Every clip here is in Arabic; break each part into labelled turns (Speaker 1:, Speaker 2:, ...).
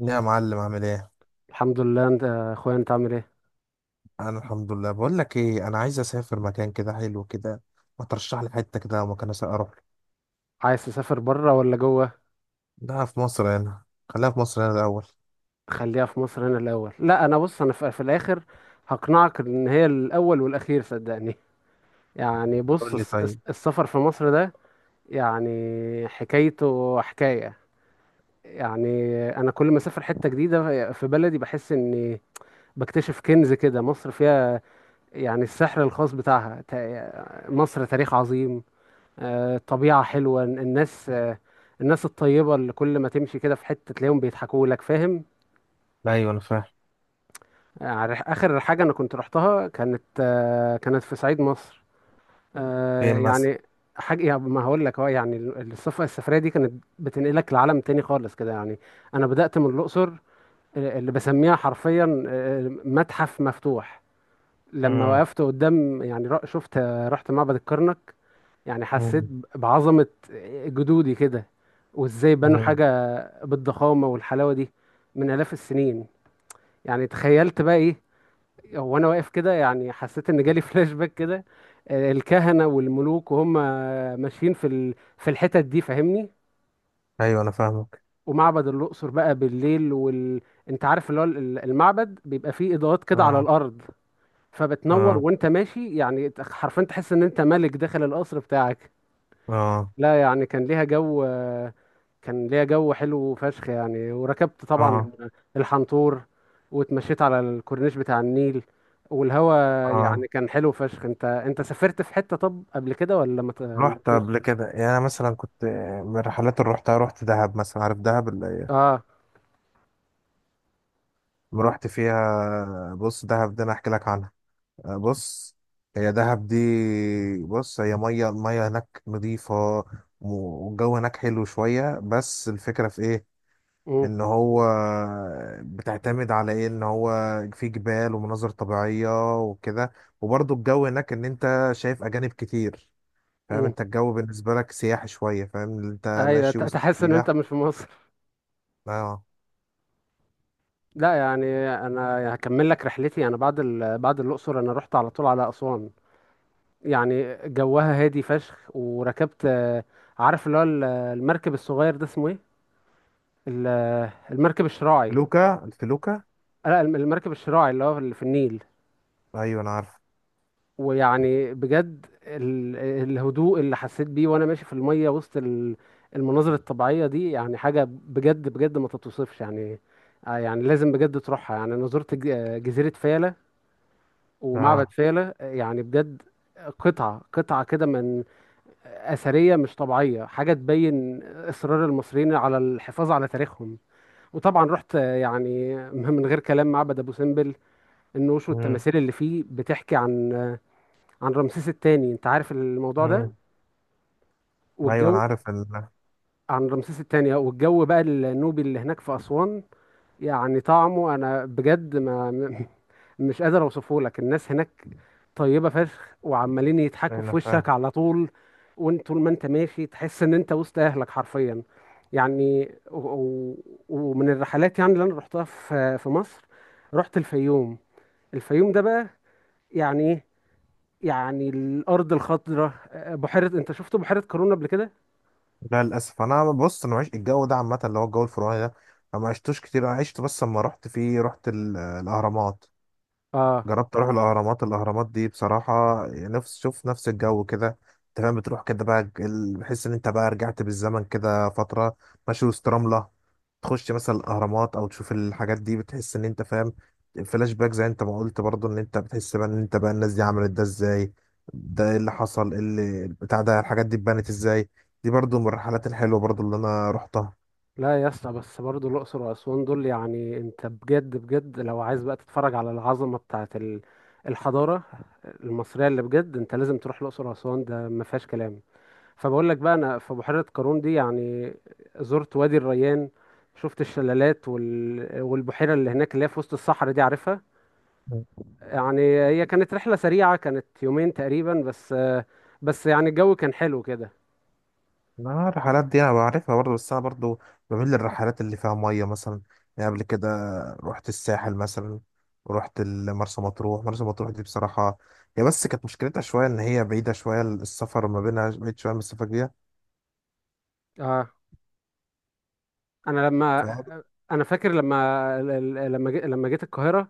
Speaker 1: يا معلم، عامل ايه؟
Speaker 2: الحمد لله. انت يا اخويا، انت عامل ايه؟
Speaker 1: انا الحمد لله. بقول لك ايه، انا عايز اسافر مكان كده حلو كده. ما ترشح لي حته كده مكان اروح له.
Speaker 2: عايز تسافر بره ولا جوه؟
Speaker 1: ده في مصر هنا. خليها في مصر هنا الاول.
Speaker 2: خليها في مصر هنا الاول. لا، انا بص، انا في الاخر هقنعك ان هي الاول والاخير، صدقني. يعني بص،
Speaker 1: قول لي طيب.
Speaker 2: السفر في مصر ده يعني حكايته حكاية. يعني انا كل ما اسافر حتة جديدة في بلدي بحس اني بكتشف كنز كده، مصر فيها يعني السحر الخاص بتاعها. مصر تاريخ عظيم، طبيعة حلوة، الناس، الناس الطيبة اللي كل ما تمشي كده في حتة تلاقيهم بيضحكوا لك، فاهم؟
Speaker 1: ايوه انا فاهم.
Speaker 2: آخر حاجة أنا كنت رحتها كانت، كانت في صعيد مصر. آه،
Speaker 1: فين مثلا؟
Speaker 2: يعني حاجة يعني ما هقول لك، يعني السفرية دي كانت بتنقلك لعالم تاني خالص كده يعني. أنا بدأت من الأقصر، اللي بسميها حرفيا متحف مفتوح. لما
Speaker 1: امم.
Speaker 2: وقفت قدام يعني شفت، رحت معبد الكرنك. يعني حسيت
Speaker 1: امم.
Speaker 2: بعظمة جدودي كده، وازاي بنوا
Speaker 1: امم.
Speaker 2: حاجة بالضخامة والحلاوة دي من آلاف السنين. يعني تخيلت بقى ايه وانا واقف كده. يعني حسيت ان جالي فلاش باك كده. الكهنة والملوك وهم ماشيين في الحتت دي، فاهمني؟
Speaker 1: ايوه انا فاهمك.
Speaker 2: ومعبد الأقصر بقى بالليل انت عارف اللي هو المعبد بيبقى فيه إضاءات كده على
Speaker 1: اه.
Speaker 2: الأرض، فبتنور
Speaker 1: اه.
Speaker 2: وانت ماشي. يعني حرفيا تحس ان انت ملك داخل القصر بتاعك.
Speaker 1: اه.
Speaker 2: لا يعني كان ليها جو، كان ليها جو حلو فشخ يعني. وركبت
Speaker 1: اه.
Speaker 2: طبعا الحنطور، واتمشيت على الكورنيش بتاع النيل والهوا.
Speaker 1: اه.
Speaker 2: يعني كان حلو فشخ. انت سافرت في حتة طب قبل كده ولا ما
Speaker 1: رحت
Speaker 2: فيش؟
Speaker 1: قبل كده، يعني انا مثلا كنت من الرحلات اللي رحتها. رحت دهب مثلا. عارف دهب اللي
Speaker 2: اه.
Speaker 1: رحت فيها؟ بص، دهب ده انا احكي لك عنها. بص، هي دهب دي. بص، هي الميه هناك نظيفه، والجو هناك حلو شويه. بس الفكره في ايه؟
Speaker 2: امم.
Speaker 1: ان هو بتعتمد على ايه؟ ان هو في جبال ومناظر طبيعيه وكده، وبرضه الجو هناك ان انت شايف اجانب كتير. فاهم؟
Speaker 2: امم.
Speaker 1: انت الجو بالنسبه لك سياحي شويه، فاهم إن انت
Speaker 2: ايوه،
Speaker 1: ماشي وسط
Speaker 2: تحس ان انت
Speaker 1: سياح.
Speaker 2: مش في مصر.
Speaker 1: اه.
Speaker 2: لا يعني انا هكمل لك رحلتي. انا بعد بعد الاقصر انا رحت على طول على اسوان. يعني جوها هادي فشخ. وركبت، عارف اللي هو المركب الصغير ده اسمه ايه؟ ال- المركب الشراعي.
Speaker 1: الفلوكه.
Speaker 2: لا المركب الشراعي اللي هو اللي في النيل.
Speaker 1: ايوه انا عارف.
Speaker 2: ويعني بجد الهدوء اللي حسيت بيه وانا ماشي في المية وسط المناظر الطبيعية دي، يعني حاجة بجد بجد ما تتوصفش يعني. يعني لازم بجد تروحها. يعني انا زرت جزيرة فيلة ومعبد
Speaker 1: اه.
Speaker 2: فيلة. آه يعني بجد قطعة قطعة كده من أثرية مش طبيعية، حاجة تبين إصرار المصريين على الحفاظ على تاريخهم. وطبعا رحت، يعني من غير كلام، معبد أبو سمبل، النوش
Speaker 1: امم.
Speaker 2: والتماثيل اللي فيه بتحكي عن رمسيس الثاني. انت عارف الموضوع ده؟
Speaker 1: ايوه انا
Speaker 2: والجو،
Speaker 1: عارف.
Speaker 2: عن رمسيس الثاني والجو بقى النوبي اللي هناك في أسوان، يعني طعمه انا بجد ما مش قادر اوصفه لك. الناس هناك طيبة فشخ وعمالين
Speaker 1: أيوه،
Speaker 2: يضحكوا في
Speaker 1: انا
Speaker 2: وشك
Speaker 1: فاهم.
Speaker 2: على طول. وانت طول ما انت ماشي تحس ان انت وسط اهلك حرفيا يعني ومن الرحلات يعني اللي انا رحتها في مصر، رحت الفيوم. الفيوم ده بقى يعني إيه؟ يعني الارض الخضراء، بحيره، انت شفت بحيره قارون قبل كده؟
Speaker 1: لا للاسف، انا بص انا معيش الجو ده عامه، اللي هو الجو الفرعوني ده انا ما عشتوش كتير. انا عشت بس لما رحت فيه رحت الاهرامات.
Speaker 2: اه.
Speaker 1: جربت اروح الاهرامات دي بصراحه نفس الجو كده. انت فاهم، بتروح كده بقى بحس ان انت بقى رجعت بالزمن كده فتره، ماشي وسط رمله. تخش مثلا الاهرامات او تشوف الحاجات دي بتحس ان انت فاهم فلاش باك، زي انت ما قلت برضه، ان انت بتحس بقى ان انت بقى الناس دي عملت ده ازاي؟ ده ايه اللي حصل؟ ايه اللي بتاع ده؟ الحاجات دي اتبنت ازاي؟ دي برضه من الرحلات الحلوه برضه اللي انا رحتها.
Speaker 2: لا يا اسطى، بس برضه الاقصر واسوان دول يعني، انت بجد بجد لو عايز بقى تتفرج على العظمه بتاعه الحضاره المصريه، اللي بجد انت لازم تروح الاقصر واسوان، ده ما فيهاش كلام. فبقول لك بقى، انا في بحيره قارون دي يعني زرت وادي الريان، شفت الشلالات والبحيره اللي هناك اللي هي في وسط الصحراء دي، عارفها؟ يعني هي كانت رحله سريعه، كانت يومين تقريبا بس. بس يعني الجو كان حلو كده.
Speaker 1: لا الرحلات دي انا بعرفها برضه، بس انا برضه بميل للرحلات اللي فيها ميه مثلا. يعني قبل كده رحت الساحل مثلا، ورحت مرسى مطروح. مرسى مطروح دي بصراحه، هي بس كانت مشكلتها شويه ان هي بعيده شويه. السفر ما بينها بعيد شويه من السفاجية.
Speaker 2: اه. انا لما
Speaker 1: فاهم؟
Speaker 2: انا فاكر لما لما جيت القاهره.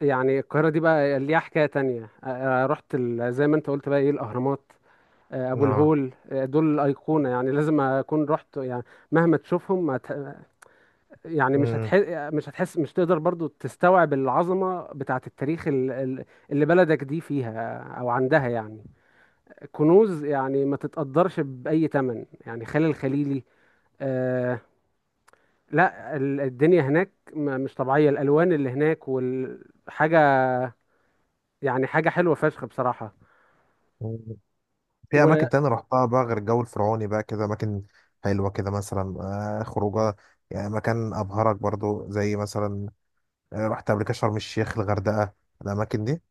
Speaker 2: يعني القاهره دي بقى ليها حكايه تانية. رحت زي ما انت قلت بقى ايه، الاهرامات، ابو
Speaker 1: اه.
Speaker 2: الهول، دول الايقونه يعني لازم اكون رحت يعني. مهما تشوفهم ما ت- يعني
Speaker 1: أمم.
Speaker 2: مش هتحس، مش تقدر برضو تستوعب العظمه بتاعه التاريخ، اللي بلدك دي فيها او عندها، يعني كنوز يعني ما تتقدرش باي ثمن. يعني خان الخليلي، لا الدنيا هناك مش طبيعية، الألوان اللي هناك والحاجة، يعني حاجة حلوة فشخ بصراحة.
Speaker 1: في
Speaker 2: وأنا،
Speaker 1: اماكن تانية رحتها بقى غير الجو الفرعوني بقى كده، اماكن حلوه كده مثلا، خروجه، يعني مكان ابهرك برضه زي مثلا، رحت قبل كده شرم الشيخ الغردقه الاماكن دي.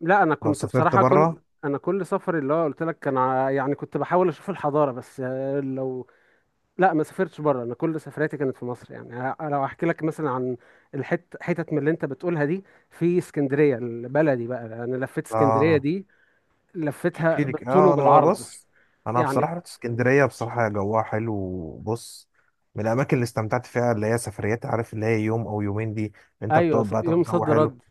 Speaker 2: لا، أنا
Speaker 1: او
Speaker 2: كنت
Speaker 1: سافرت
Speaker 2: بصراحة،
Speaker 1: بره.
Speaker 2: أنا كل سفر اللي هو قلت لك كان، يعني كنت بحاول أشوف الحضارة بس. لو، لا ما سافرتش بره. أنا كل سفرياتي كانت في مصر يعني. لو أحكي لك مثلا عن حتت من اللي أنت بتقولها دي، في اسكندرية البلدي بقى، أنا لفيت اسكندرية
Speaker 1: اه.
Speaker 2: دي،
Speaker 1: احكي
Speaker 2: لفيتها
Speaker 1: لك،
Speaker 2: بالطول
Speaker 1: اه، انا
Speaker 2: وبالعرض
Speaker 1: بص. انا
Speaker 2: يعني.
Speaker 1: بصراحه رحت اسكندريه. بصراحه جوها حلو، وبص، من الاماكن اللي استمتعت فيها اللي هي سفريات، عارف اللي هي يوم او يومين دي. انت
Speaker 2: أيوة،
Speaker 1: بتقعد بقى
Speaker 2: يوم
Speaker 1: تقعد جو
Speaker 2: صد
Speaker 1: حلو.
Speaker 2: رد.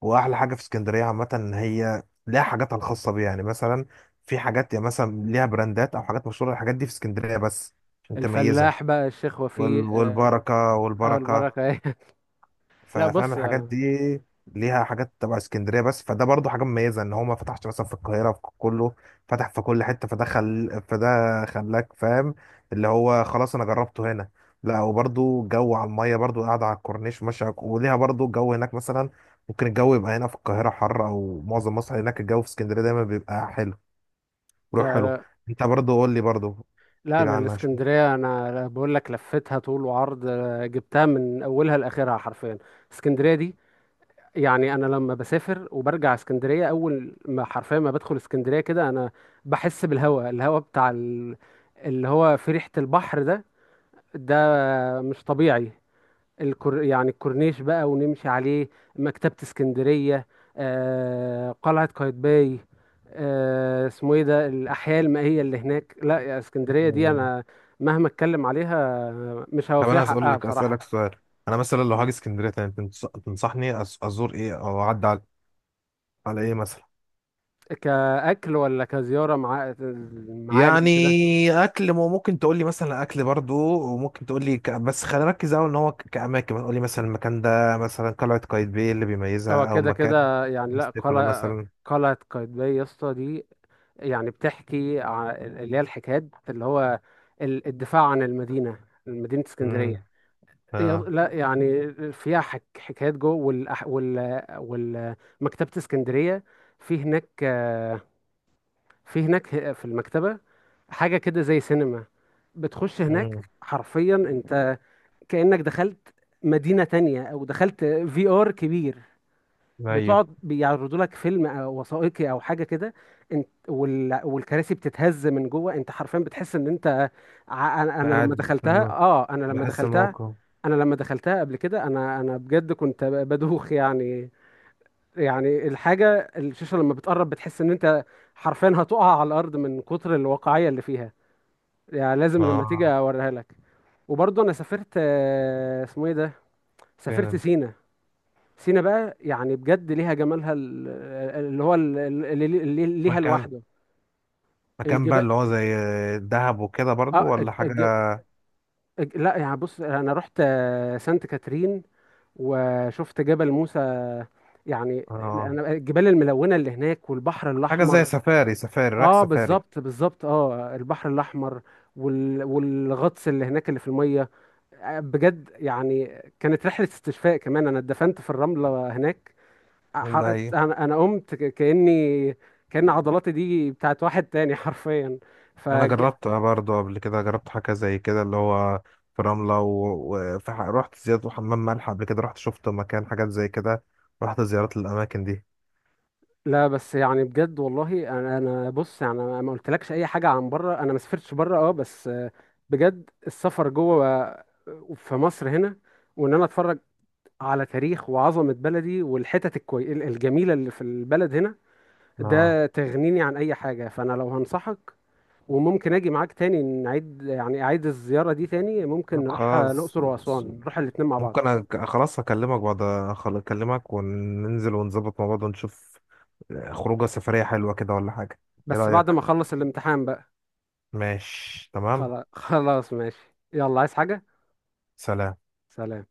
Speaker 1: واحلى حاجه في اسكندريه عامه ان هي ليها حاجاتها الخاصه بيها. يعني مثلا في حاجات، يعني مثلا ليها براندات او حاجات مشهوره. الحاجات دي في اسكندريه بس عشان تميزها.
Speaker 2: الفلاح بقى الشيخ
Speaker 1: وال-
Speaker 2: وفيه
Speaker 1: والبركه
Speaker 2: اول
Speaker 1: والبركه
Speaker 2: بركه ايه لا
Speaker 1: ففاهم
Speaker 2: بص،
Speaker 1: الحاجات
Speaker 2: لا.
Speaker 1: دي ليها حاجات تبع اسكندريه بس. فده برضو حاجه مميزه، ان هو ما فتحش مثلا في القاهره في كله. فتح في كل حته. فده خلاك فاهم. اللي هو خلاص انا جربته هنا. لا وبرضو جو على الميه، برضو قاعده على الكورنيش، ماشيه وليها برضو جو هناك. مثلا ممكن الجو يبقى هنا في القاهره حر، او معظم مصر، هناك الجو في اسكندريه دايما بيبقى حلو. روح حلو.
Speaker 2: لا,
Speaker 1: انت برضو قول لي برضو
Speaker 2: لا،
Speaker 1: كده
Speaker 2: انا
Speaker 1: عنها
Speaker 2: الاسكندريه انا بقول لك لفتها طول وعرض، جبتها من اولها لاخرها حرفيا. اسكندريه دي يعني، انا لما بسافر وبرجع اسكندريه، اول ما حرفيا ما بدخل اسكندريه كده، انا بحس بالهواء، الهواء بتاع اللي هو في ريحه البحر ده، ده مش طبيعي. الكور يعني الكورنيش بقى ونمشي عليه، مكتبة اسكندرية، آه قلعة قايتباي، آه اسمه ايه ده، الأحياء المائية اللي هناك. لا، يا اسكندرية دي
Speaker 1: شويه.
Speaker 2: أنا مهما اتكلم عليها مش
Speaker 1: طب
Speaker 2: هوفيها
Speaker 1: انا هسأل
Speaker 2: حقها
Speaker 1: لك اسالك
Speaker 2: بصراحة.
Speaker 1: سؤال. انا مثلا لو هاجي اسكندريه تاني، تنصحني ازور ايه، او اعدي على ايه مثلا؟
Speaker 2: كأكل ولا كزيارة مع معالم كده؟
Speaker 1: يعني اكل، ممكن تقول لي مثلا اكل برضو، وممكن تقول لي. بس خلينا نركز قوي، ان هو كاماكن. تقول لي مثلا المكان ده، مثلا قلعه قايتباي إيه اللي
Speaker 2: هو
Speaker 1: بيميزها؟ او
Speaker 2: كده
Speaker 1: مكان
Speaker 2: كده يعني. لا
Speaker 1: ستيفانو
Speaker 2: قلعة،
Speaker 1: مثلا.
Speaker 2: قلعة قايتباي يا اسطى دي يعني بتحكي اللي هي الحكايات، اللي هو الدفاع عن المدينة، مدينة
Speaker 1: امم.
Speaker 2: اسكندرية.
Speaker 1: اه.
Speaker 2: لا يعني فيها حكايات جوه، مكتبة اسكندرية، في هناك، في هناك في المكتبة حاجة كده زي سينما. بتخش هناك
Speaker 1: امم.
Speaker 2: حرفيا انت كأنك دخلت مدينة تانية، او دخلت في ار كبير.
Speaker 1: ايوه.
Speaker 2: بتقعد بيعرضوا لك فيلم أو وثائقي او حاجه كده، انت والكراسي بتتهز من جوه. انت حرفيا بتحس ان انت، ع- انا أنا لما
Speaker 1: قاعد في
Speaker 2: دخلتها.
Speaker 1: الم... بحس الموقف.
Speaker 2: انا لما دخلتها قبل كده. انا بجد كنت بدوخ يعني. يعني الحاجه، الشاشه لما بتقرب بتحس ان انت حرفيا هتقع على الارض من كتر الواقعيه اللي فيها. يعني لازم لما تيجي
Speaker 1: اه.
Speaker 2: اوريها لك. وبرضه انا سافرت، اسمه ايه ده، سافرت
Speaker 1: فعلا.
Speaker 2: سينا. سينا بقى يعني بجد ليها جمالها، ال- اللي هو ال- اللي اللي ليها
Speaker 1: مكان
Speaker 2: لوحده،
Speaker 1: مكان بقى
Speaker 2: الجبال.
Speaker 1: اللي هو زي دهب وكده، برضو
Speaker 2: اه
Speaker 1: ولا حاجه؟
Speaker 2: لا يعني بص، انا رحت، سانت كاترين، وشفت جبل موسى. يعني
Speaker 1: اه.
Speaker 2: انا، الجبال الملونه اللي هناك والبحر
Speaker 1: حاجة زي
Speaker 2: الاحمر،
Speaker 1: سفاري، سفاري رايح
Speaker 2: اه
Speaker 1: سفاري.
Speaker 2: بالظبط بالظبط، اه البحر الاحمر والغطس اللي هناك اللي في الميه. بجد يعني كانت رحله استشفاء كمان، انا اتدفنت في الرمله هناك،
Speaker 1: ده
Speaker 2: حرقت.
Speaker 1: هي.
Speaker 2: انا قمت كاني كان عضلاتي دي بتاعت واحد تاني حرفيا. ف
Speaker 1: أنا جربتها برضه قبل كده. جربت حاجة زي كده اللي هو في رملة، وفي رحت زيارة حمام ملح قبل كده. رحت شفت مكان حاجات زي كده. رحت زيارات للأماكن دي.
Speaker 2: لا بس يعني بجد والله، انا بص يعني، انا ما قلتلكش اي حاجه عن بره. انا ما سافرتش بره اه. بس بجد السفر جوه في مصر هنا، وان انا اتفرج على تاريخ وعظمه بلدي، والحتت الجميله اللي في البلد هنا،
Speaker 1: اه.
Speaker 2: ده تغنيني عن اي حاجه. فانا لو هنصحك، وممكن اجي معاك تاني، نعيد يعني اعيد الزيارة دي تاني.
Speaker 1: طب
Speaker 2: ممكن نروح،
Speaker 1: خلاص.
Speaker 2: الأقصر وأسوان، نروح الاتنين مع بعض.
Speaker 1: ممكن خلاص أكلمك بعد. أكلمك وننزل ونظبط مع بعض ونشوف خروجة سفرية حلوة كده ولا حاجة. إيه
Speaker 2: بس بعد ما
Speaker 1: رأيك؟
Speaker 2: اخلص الامتحان بقى.
Speaker 1: ماشي تمام.
Speaker 2: خلاص خلاص ماشي. يلا، عايز حاجة؟
Speaker 1: سلام.
Speaker 2: سلام.